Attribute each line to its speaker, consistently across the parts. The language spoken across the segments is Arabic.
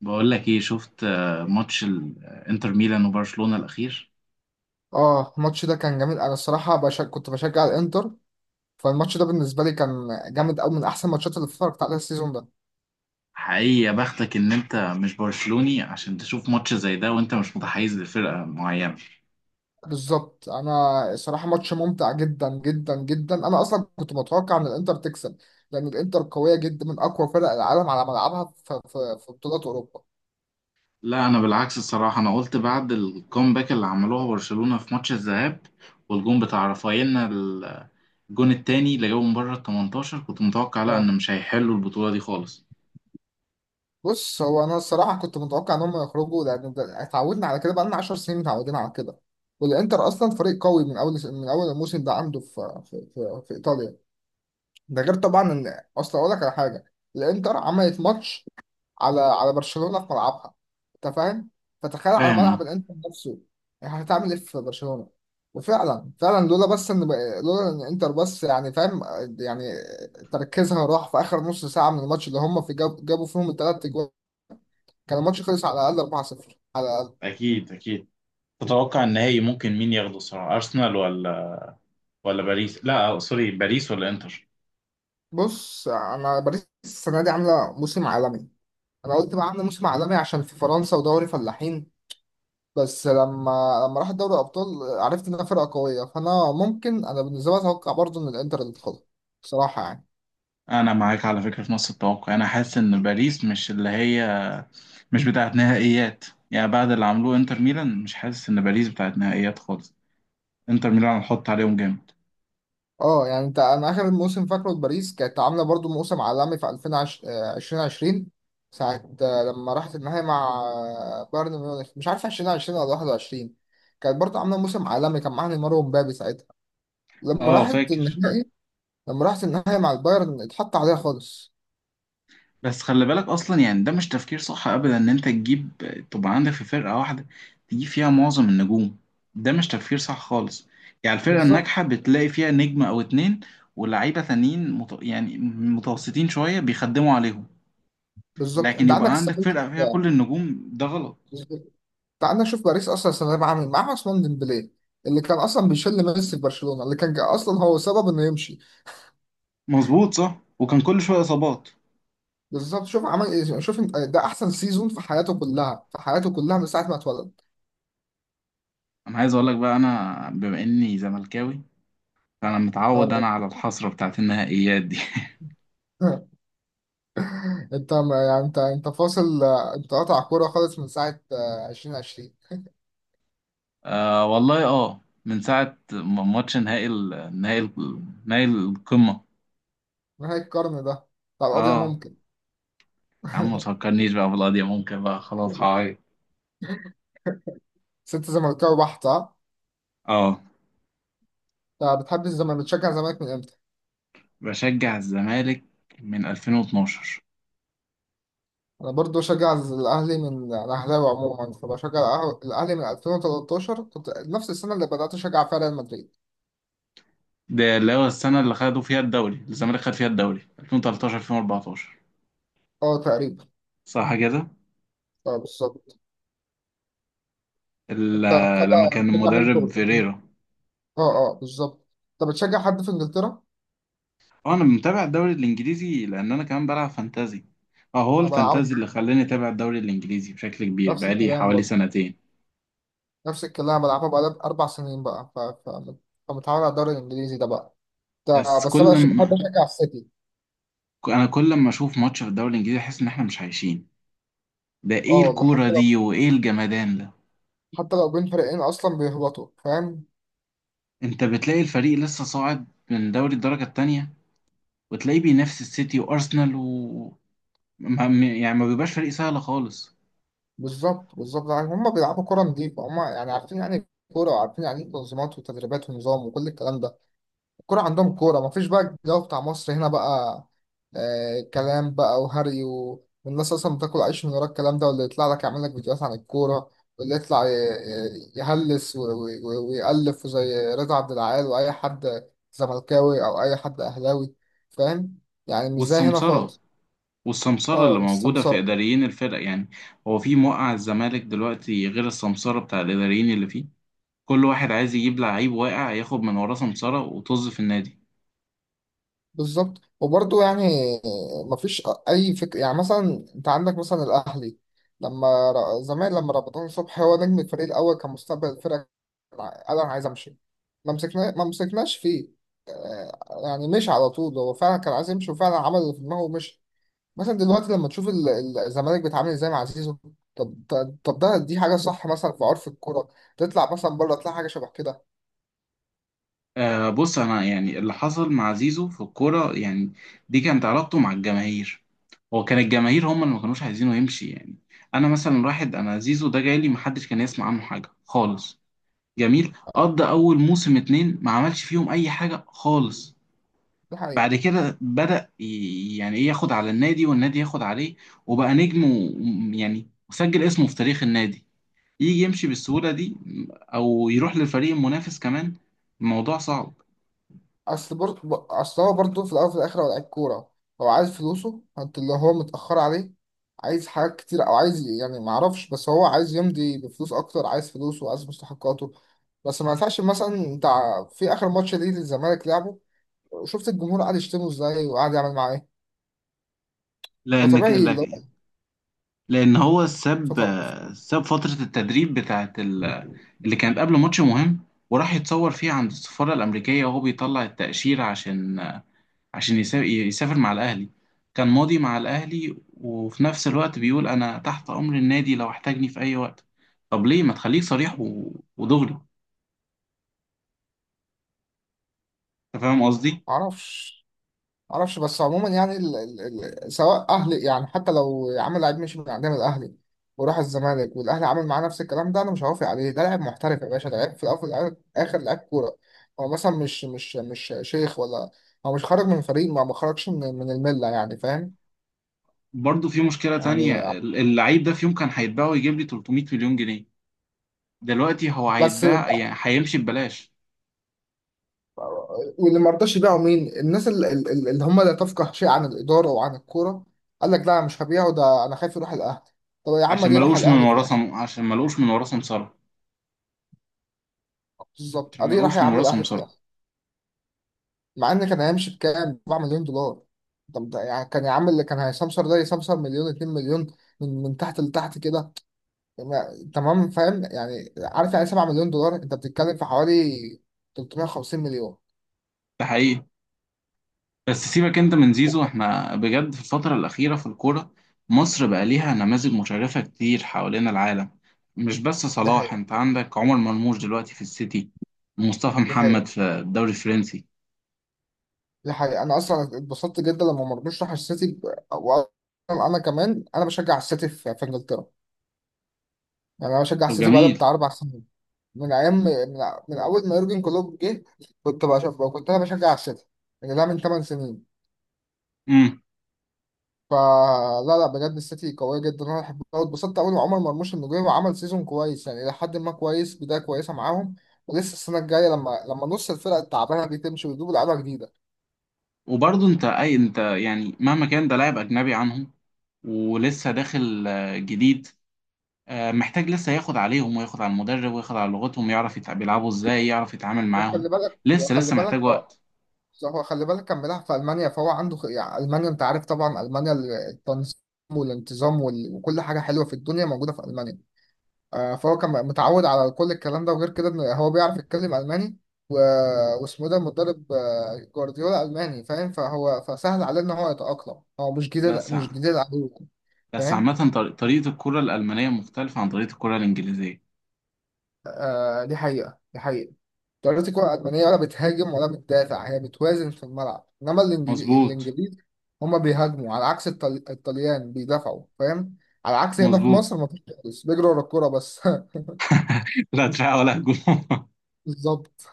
Speaker 1: بقول لك ايه؟ شفت ماتش انتر ميلان وبرشلونة الاخير؟
Speaker 2: اه الماتش ده كان جميل. انا الصراحه كنت بشجع الانتر. فالماتش ده بالنسبه لي كان جامد قوي، من احسن الماتشات اللي اتفرجت عليها السيزون ده.
Speaker 1: حقيقي يا بختك ان انت مش برشلوني عشان تشوف ماتش زي ده وانت مش متحيز لفرقة معينة.
Speaker 2: بالظبط انا الصراحه ماتش ممتع جدا جدا جدا. انا اصلا كنت متوقع ان الانتر تكسب، لان الانتر قويه جدا، من اقوى فرق العالم على ملعبها في بطولات اوروبا.
Speaker 1: لا انا بالعكس الصراحة، انا قلت بعد الكومباك اللي عملوها برشلونة في ماتش الذهاب والجون بتاع رافاييلنا الجون التاني اللي جابه من بره ال 18، كنت متوقع لا
Speaker 2: اه،
Speaker 1: ان مش هيحلوا البطولة دي خالص.
Speaker 2: بص، هو انا الصراحه كنت متوقع ان هم يخرجوا، لان اتعودنا على كده بقالنا 10 سنين، متعودين على كده. والانتر اصلا فريق قوي من اول الموسم ده، عنده في ايطاليا. ده غير طبعا ان اصل اقول لك على حاجه. الانتر عملت ماتش على برشلونه في ملعبها، انت فاهم؟ فتخيل على
Speaker 1: فاهم، أه.
Speaker 2: ملعب الانتر نفسه، يعني هتعمل ايه في برشلونه. وفعلا فعلا، لولا ان انتر بس، يعني فاهم، يعني تركيزها راح في اخر نص ساعه من الماتش اللي هم في جابوا فيهم الثلاث اجوال. كان الماتش خلص على الاقل 4-0، على الاقل.
Speaker 1: اكيد اكيد. تتوقع النهائي ممكن مين ياخده الصراحة؟ ارسنال ولا باريس؟ لا سوري، باريس ولا انتر؟
Speaker 2: بص، انا باريس السنه دي عامله موسم عالمي. انا قلت بقى عامله موسم عالمي عشان في فرنسا ودوري فلاحين. بس لما راح دوري الابطال عرفت انها فرقه قويه. فانا ممكن، انا بالنسبه لي اتوقع برضو ان الانتر اللي تاخدها، بصراحه يعني.
Speaker 1: انا معاك على فكره في نص التوقع، انا حاسس ان باريس مش اللي هي مش بتاعت نهائيات. يعني بعد اللي عملوه انتر ميلان، مش حاسس ان باريس بتاعت نهائيات خالص. انتر ميلان هنحط عليهم جامد.
Speaker 2: اه، يعني انت، انا اخر موسم فاكره لباريس كانت عامله برضو موسم عالمي في 2020، ساعه، لما راحت النهائي مع بايرن ميونخ، مش عارف 2020 ولا 21. كانت برضو عامله موسم عالمي، كان معاها نيمار ومبابي ساعتها لما
Speaker 1: اه
Speaker 2: راحت
Speaker 1: فاكر.
Speaker 2: النهائي. لما راحت النهائي مع البايرن اتحط عليها خالص.
Speaker 1: بس خلي بالك اصلا، يعني ده مش تفكير صح ابدا ان انت تجيب، تبقى عندك في فرقه واحده تجيب فيها معظم النجوم. ده مش تفكير صح خالص. يعني الفرقه
Speaker 2: بالظبط
Speaker 1: الناجحه بتلاقي فيها نجم او اتنين، ولاعيبه تانيين يعني متوسطين شويه بيخدموا عليهم.
Speaker 2: بالظبط،
Speaker 1: لكن
Speaker 2: انت عندك
Speaker 1: يبقى عندك
Speaker 2: استفاد.
Speaker 1: فرقه فيها كل النجوم، ده غلط.
Speaker 2: تعال نشوف باريس اصلا السنه دي عامل معاه عثمان ديمبلي، اللي كان اصلا بيشل ميسي في برشلونه، اللي كان اصلا هو سبب انه يمشي.
Speaker 1: مظبوط، صح وكان كل شويه اصابات.
Speaker 2: بالظبط، شوف عمل ايه. شوف ده احسن سيزون في حياته كلها، في حياته كلها من ساعه ما اتولد.
Speaker 1: انا عايز اقول لك بقى، انا بما اني زملكاوي فانا متعود انا
Speaker 2: اه.
Speaker 1: على الحسره بتاعت النهائيات دي.
Speaker 2: انت يعني، انت فاصل، انت قاطع كوره خالص من ساعه، 2020.
Speaker 1: آه والله. اه، من ساعه ماتش نهائي نهائي نهائي القمه.
Speaker 2: نهايه القرن ده بتاع القضيه
Speaker 1: اه
Speaker 2: ممكن.
Speaker 1: يا عم، ما تفكرنيش بقى بالقضيه ممكن بقى، خلاص هعيط.
Speaker 2: ست زملكاوي بحت، ها؟
Speaker 1: اه،
Speaker 2: انت بتحب الزمالك؟ بتشجع الزمالك من امتى؟
Speaker 1: بشجع الزمالك من 2012.
Speaker 2: انا برضو بشجع الاهلي، من، انا اهلاوي عموما فبشجع الاهلي من 2013. كنت نفس السنه اللي بدات اشجع فيها ريال مدريد.
Speaker 1: ده اللي هو السنه اللي خدوا فيها الدوري، الزمالك خد فيها الدوري 2013 2014،
Speaker 2: اه تقريبا.
Speaker 1: صح كده.
Speaker 2: اه بالظبط. انت
Speaker 1: لما كان
Speaker 2: بتشجع مين
Speaker 1: المدرب
Speaker 2: فوق؟
Speaker 1: فيريرا.
Speaker 2: اه اه بالظبط. انت بتشجع حد في انجلترا؟
Speaker 1: اه انا متابع الدوري الانجليزي، لان انا كمان بلعب فانتازي. اه، هو
Speaker 2: انا بلعبها،
Speaker 1: الفانتازي اللي خلاني اتابع الدوري الانجليزي بشكل كبير
Speaker 2: نفس
Speaker 1: بقالي
Speaker 2: الكلام
Speaker 1: حوالي
Speaker 2: برضو.
Speaker 1: سنتين.
Speaker 2: نفس الكلام، بلعبها بقالي اربع سنين بقى، فمتعود على الدوري الانجليزي ده بقى. ده
Speaker 1: بس
Speaker 2: بس
Speaker 1: كل
Speaker 2: انا بحب
Speaker 1: ما
Speaker 2: اشجع السيتي.
Speaker 1: انا كل ما اشوف ماتش في الدوري الانجليزي احس ان احنا مش عايشين. ده
Speaker 2: اه
Speaker 1: ايه
Speaker 2: والله،
Speaker 1: الكورة
Speaker 2: حتى لو،
Speaker 1: دي وايه الجمدان ده؟
Speaker 2: حتى لو بين فريقين اصلا بيهبطوا، فاهم.
Speaker 1: انت بتلاقي الفريق لسه صاعد من دوري الدرجة التانية، وتلاقيه بينافس السيتي وارسنال و يعني ما بيبقاش فريق سهل خالص.
Speaker 2: بالظبط بالظبط، يعني هم بيلعبوا كرة نظيفة، هم يعني عارفين يعني إيه كورة، وعارفين يعني إيه تنظيمات وتدريبات ونظام وكل الكلام ده. الكورة عندهم كورة، مفيش بقى الجو بتاع مصر هنا بقى. آه كلام بقى وهري، والناس أصلا بتاكل عيش من ورا الكلام ده، واللي يطلع لك يعمل لك فيديوهات عن الكورة، واللي يطلع يهلس ويألف زي رضا عبد العال، وأي حد زملكاوي أو أي حد أهلاوي، فاهم، يعني مش زي هنا
Speaker 1: والسمسرة،
Speaker 2: خالص.
Speaker 1: والسمسرة اللي
Speaker 2: اه،
Speaker 1: موجودة في
Speaker 2: السمسرة.
Speaker 1: إداريين الفرق يعني. هو في موقع الزمالك دلوقتي غير السمسرة بتاع الإداريين اللي فيه؟ كل واحد عايز يجيب لعيب واقع ياخد من وراه سمسرة وطز في النادي.
Speaker 2: بالظبط وبرضه يعني، مفيش أي فكرة. يعني مثلا أنت عندك مثلا الأهلي، لما زمان، لما رمضان صبحي، هو نجم الفريق الأول، كان مستقبل الفرقة، قال أنا عايز أمشي. ما مسكناش فيه، يعني مشي على طول. هو فعلا كان عايز يمشي، وفعلا عمل اللي في دماغه ومشي. مثلا دلوقتي لما تشوف الزمالك بيتعامل ازاي مع زيزو. طب طب طب، ده دي حاجة صح مثلا في عرف الكورة؟ تطلع مثلا بره تلاقي حاجة شبه كده؟
Speaker 1: آه بص، أنا يعني اللي حصل مع زيزو في الكورة يعني دي كانت علاقته مع الجماهير. هو كان الجماهير هم اللي ما كانوش عايزينه يمشي يعني. أنا مثلا واحد، أنا زيزو ده جاي لي محدش كان يسمع عنه حاجة خالص. جميل،
Speaker 2: اه،
Speaker 1: قضى أول موسم اتنين ما عملش فيهم أي حاجة خالص.
Speaker 2: دي حقيقة.
Speaker 1: بعد كده بدأ يعني ايه ياخد على النادي والنادي ياخد عليه، وبقى نجم يعني وسجل اسمه في تاريخ النادي. يجي يمشي بالسهولة دي، او يروح للفريق المنافس كمان؟ الموضوع صعب.
Speaker 2: اصل برضه، اصل هو برضه في الاول وفي الاخر هو لعيب كوره، هو عايز فلوسه، انت اللي هو متاخر عليه، عايز حاجات كتير، او عايز يعني ما اعرفش، بس هو عايز يمضي بفلوس اكتر، عايز فلوسه وعايز مستحقاته. بس ما ينفعش مثلا انت في اخر ماتش ليه للزمالك لعبه، شفت الجمهور قاعد يشتمه ازاي، وقاعد يعمل معاه ايه.
Speaker 1: لان ك-
Speaker 2: فطبيعي اللي
Speaker 1: لك-
Speaker 2: هو،
Speaker 1: لان هو ساب،
Speaker 2: فط... ما
Speaker 1: ساب فترة التدريب بتاعت اللي كانت قبل ماتش مهم، وراح يتصور فيها عند السفارة الأمريكية وهو بيطلع التأشيرة عشان، عشان يسافر مع الأهلي. كان ماضي مع الأهلي وفي نفس الوقت بيقول أنا تحت أمر النادي لو احتاجني في أي وقت. طب ليه ما تخليك صريح و... ودغري؟ أنت فاهم قصدي؟
Speaker 2: اعرفش، معرفش. بس عموما يعني سواء اهلي، يعني حتى لو يا عم لعيب مشي من عندنا من الاهلي وراح الزمالك، والاهلي عمل معاه نفس الكلام ده، انا مش هوافق عليه. ده لاعب محترف يا باشا، ده لعيب في الاول وفي اخر، لعيب كوره. هو مثلا مش شيخ ولا، هو مش خرج من فريق، ما خرجش من المله، يعني فاهم.
Speaker 1: برضه في مشكلة تانية،
Speaker 2: يعني
Speaker 1: اللعيب ده في يوم كان هيتباع ويجيب لي 300 مليون جنيه. دلوقتي هو
Speaker 2: بس.
Speaker 1: هيتباع يعني هيمشي ببلاش.
Speaker 2: واللي ما رضاش يبيعوا مين؟ الناس اللي، اللي هم لا تفقه شيء عن الاداره وعن الكوره، قال لك لا مش هبيعه، ده انا خايف يروح الاهلي. طب يا عم دي راح الاهلي في الاخر.
Speaker 1: عشان ما لقوش من وراه سمسرة،
Speaker 2: بالظبط،
Speaker 1: عشان ما
Speaker 2: ادي راح يا
Speaker 1: لقوش من
Speaker 2: عم
Speaker 1: وراه
Speaker 2: الاهلي في
Speaker 1: سمسرة.
Speaker 2: الاخر. مع ان كان هيمشي بكام، 4 مليون دولار. طب ده يعني كان يا عم اللي كان هيسمسر ده يسمسر مليون، 2 مليون، من تحت لتحت كده. تمام، فاهم يعني، عارف يعني 7 مليون دولار، انت بتتكلم في حوالي 350 مليون.
Speaker 1: ده حقيقي. بس سيبك انت من زيزو،
Speaker 2: وك-
Speaker 1: احنا بجد في الفترة الأخيرة في الكورة مصر بقى ليها نماذج مشرفة كتير حوالين العالم. مش بس
Speaker 2: دي
Speaker 1: صلاح،
Speaker 2: حقيقة،
Speaker 1: انت عندك عمر مرموش دلوقتي في السيتي، ومصطفى
Speaker 2: دي حقيقة.
Speaker 1: محمد في الدوري الفرنسي.
Speaker 2: دي حقيقة، أنا أصلا اتبسطت جدا لما مرموش راح السيتي. وأنا، أنا كمان، أنا بشجع السيتي في إنجلترا. يعني أنا بشجع
Speaker 1: طب
Speaker 2: السيتي بقالي
Speaker 1: جميل.
Speaker 2: بتاع أربع سنين، من أيام، من، من أول ما يورجن كلوب جه، كنت بشجع، كنت أنا بشجع السيتي. يعني ده من 8 سنين.
Speaker 1: امم.
Speaker 2: فلا لا، بجد السيتي قوية جدا، انا بحبها، واتبسطت قوي إن عمر مرموش انه جه وعمل سيزون كويس، يعني إلى حد ما كويس، بداية كويسة معاهم. ولسه السنة الجاية لما نص الفرق التعبانة دي تمشي ويجيبوا لعيبة جديدة.
Speaker 1: وبرضه انت، اي انت يعني مهما كان ده لاعب أجنبي عنهم، ولسه داخل جديد، محتاج لسه ياخد عليهم وياخد على المدرب وياخد على لغتهم، يعرف بيلعبوا ازاي، يعرف يتعامل معاهم. لسه
Speaker 2: وخلي
Speaker 1: لسه
Speaker 2: بالك
Speaker 1: محتاج
Speaker 2: هو،
Speaker 1: وقت.
Speaker 2: هو خلي بالك كان بيلعب في ألمانيا، فهو عنده يعني ألمانيا، أنت عارف طبعا ألمانيا، التنظيم والانتظام وكل حاجة حلوة في الدنيا موجودة في ألمانيا. فهو كان متعود على كل الكلام ده، وغير كده إن هو بيعرف يتكلم ألماني، و... واسمه ده مدرب، جوارديولا ألماني، فاهم؟ فهو فسهل عليه إن هو يتأقلم، هو مش جديد،
Speaker 1: بس
Speaker 2: مش جديد عليه.
Speaker 1: بس
Speaker 2: فاهم.
Speaker 1: عامة طريقة الكرة الألمانية مختلفة عن طريقة الكرة الإنجليزية.
Speaker 2: آه، دي حقيقة، دي حقيقة. طريقة الكرة الألمانية ولا بتهاجم ولا بتدافع، هي بتوازن في الملعب. إنما
Speaker 1: مظبوط.
Speaker 2: الإنجليز هما بيهاجموا، على عكس الطليان بيدافعوا، فاهم. على عكس هنا في
Speaker 1: مظبوط.
Speaker 2: مصر مفيش خالص، بيجروا ورا الكورة بس.
Speaker 1: لا دفاع ولا هجوم.
Speaker 2: بالظبط.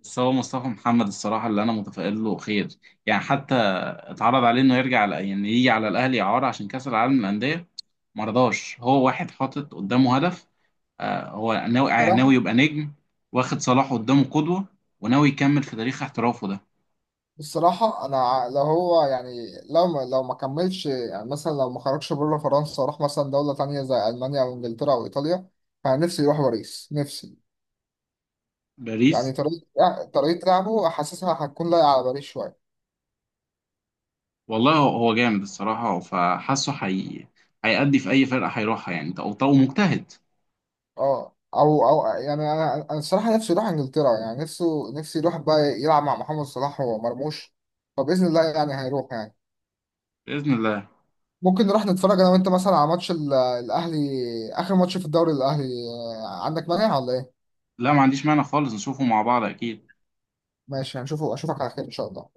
Speaker 1: بس هو مصطفى محمد الصراحة اللي أنا متفائل له خير. يعني حتى اتعرض عليه إنه يرجع على، يعني يجي على الأهلي إعارة عشان كأس العالم للأندية، ما رضاش. هو واحد حاطط قدامه هدف. آه هو ناوي يعني
Speaker 2: صراحة،
Speaker 1: ناوي يبقى نجم، واخد صلاح قدامه قدوة، وناوي يكمل في تاريخ احترافه ده.
Speaker 2: الصراحة أنا لو هو، يعني لو ما كملش، يعني مثلا لو ما خرجش بره فرنسا وراح مثلا دولة تانية زي ألمانيا أو إنجلترا أو إيطاليا، فأنا نفسي يروح باريس، نفسي. يعني
Speaker 1: باريس.
Speaker 2: طريقة لعبه حاسسها هتكون لايقة على باريس شوية.
Speaker 1: والله هو هو جامد الصراحة، فحاسه هيأدي في أي فرقة هيروحها يعني، أو طو مجتهد.
Speaker 2: أه، أو يعني، أنا الصراحة نفسي يروح إنجلترا، يعني نفسي يروح بقى يلعب مع محمد صلاح ومرموش. فبإذن الله يعني هيروح يعني.
Speaker 1: بإذن الله.
Speaker 2: ممكن نروح نتفرج أنا وأنت مثلا على ماتش الأهلي، آخر ماتش في الدوري، الأهلي عندك مانع ولا إيه؟
Speaker 1: لا ما عنديش مانع خالص، نشوفه مع بعض أكيد.
Speaker 2: ماشي، هنشوفه. اشوفك على خير ان شاء الله.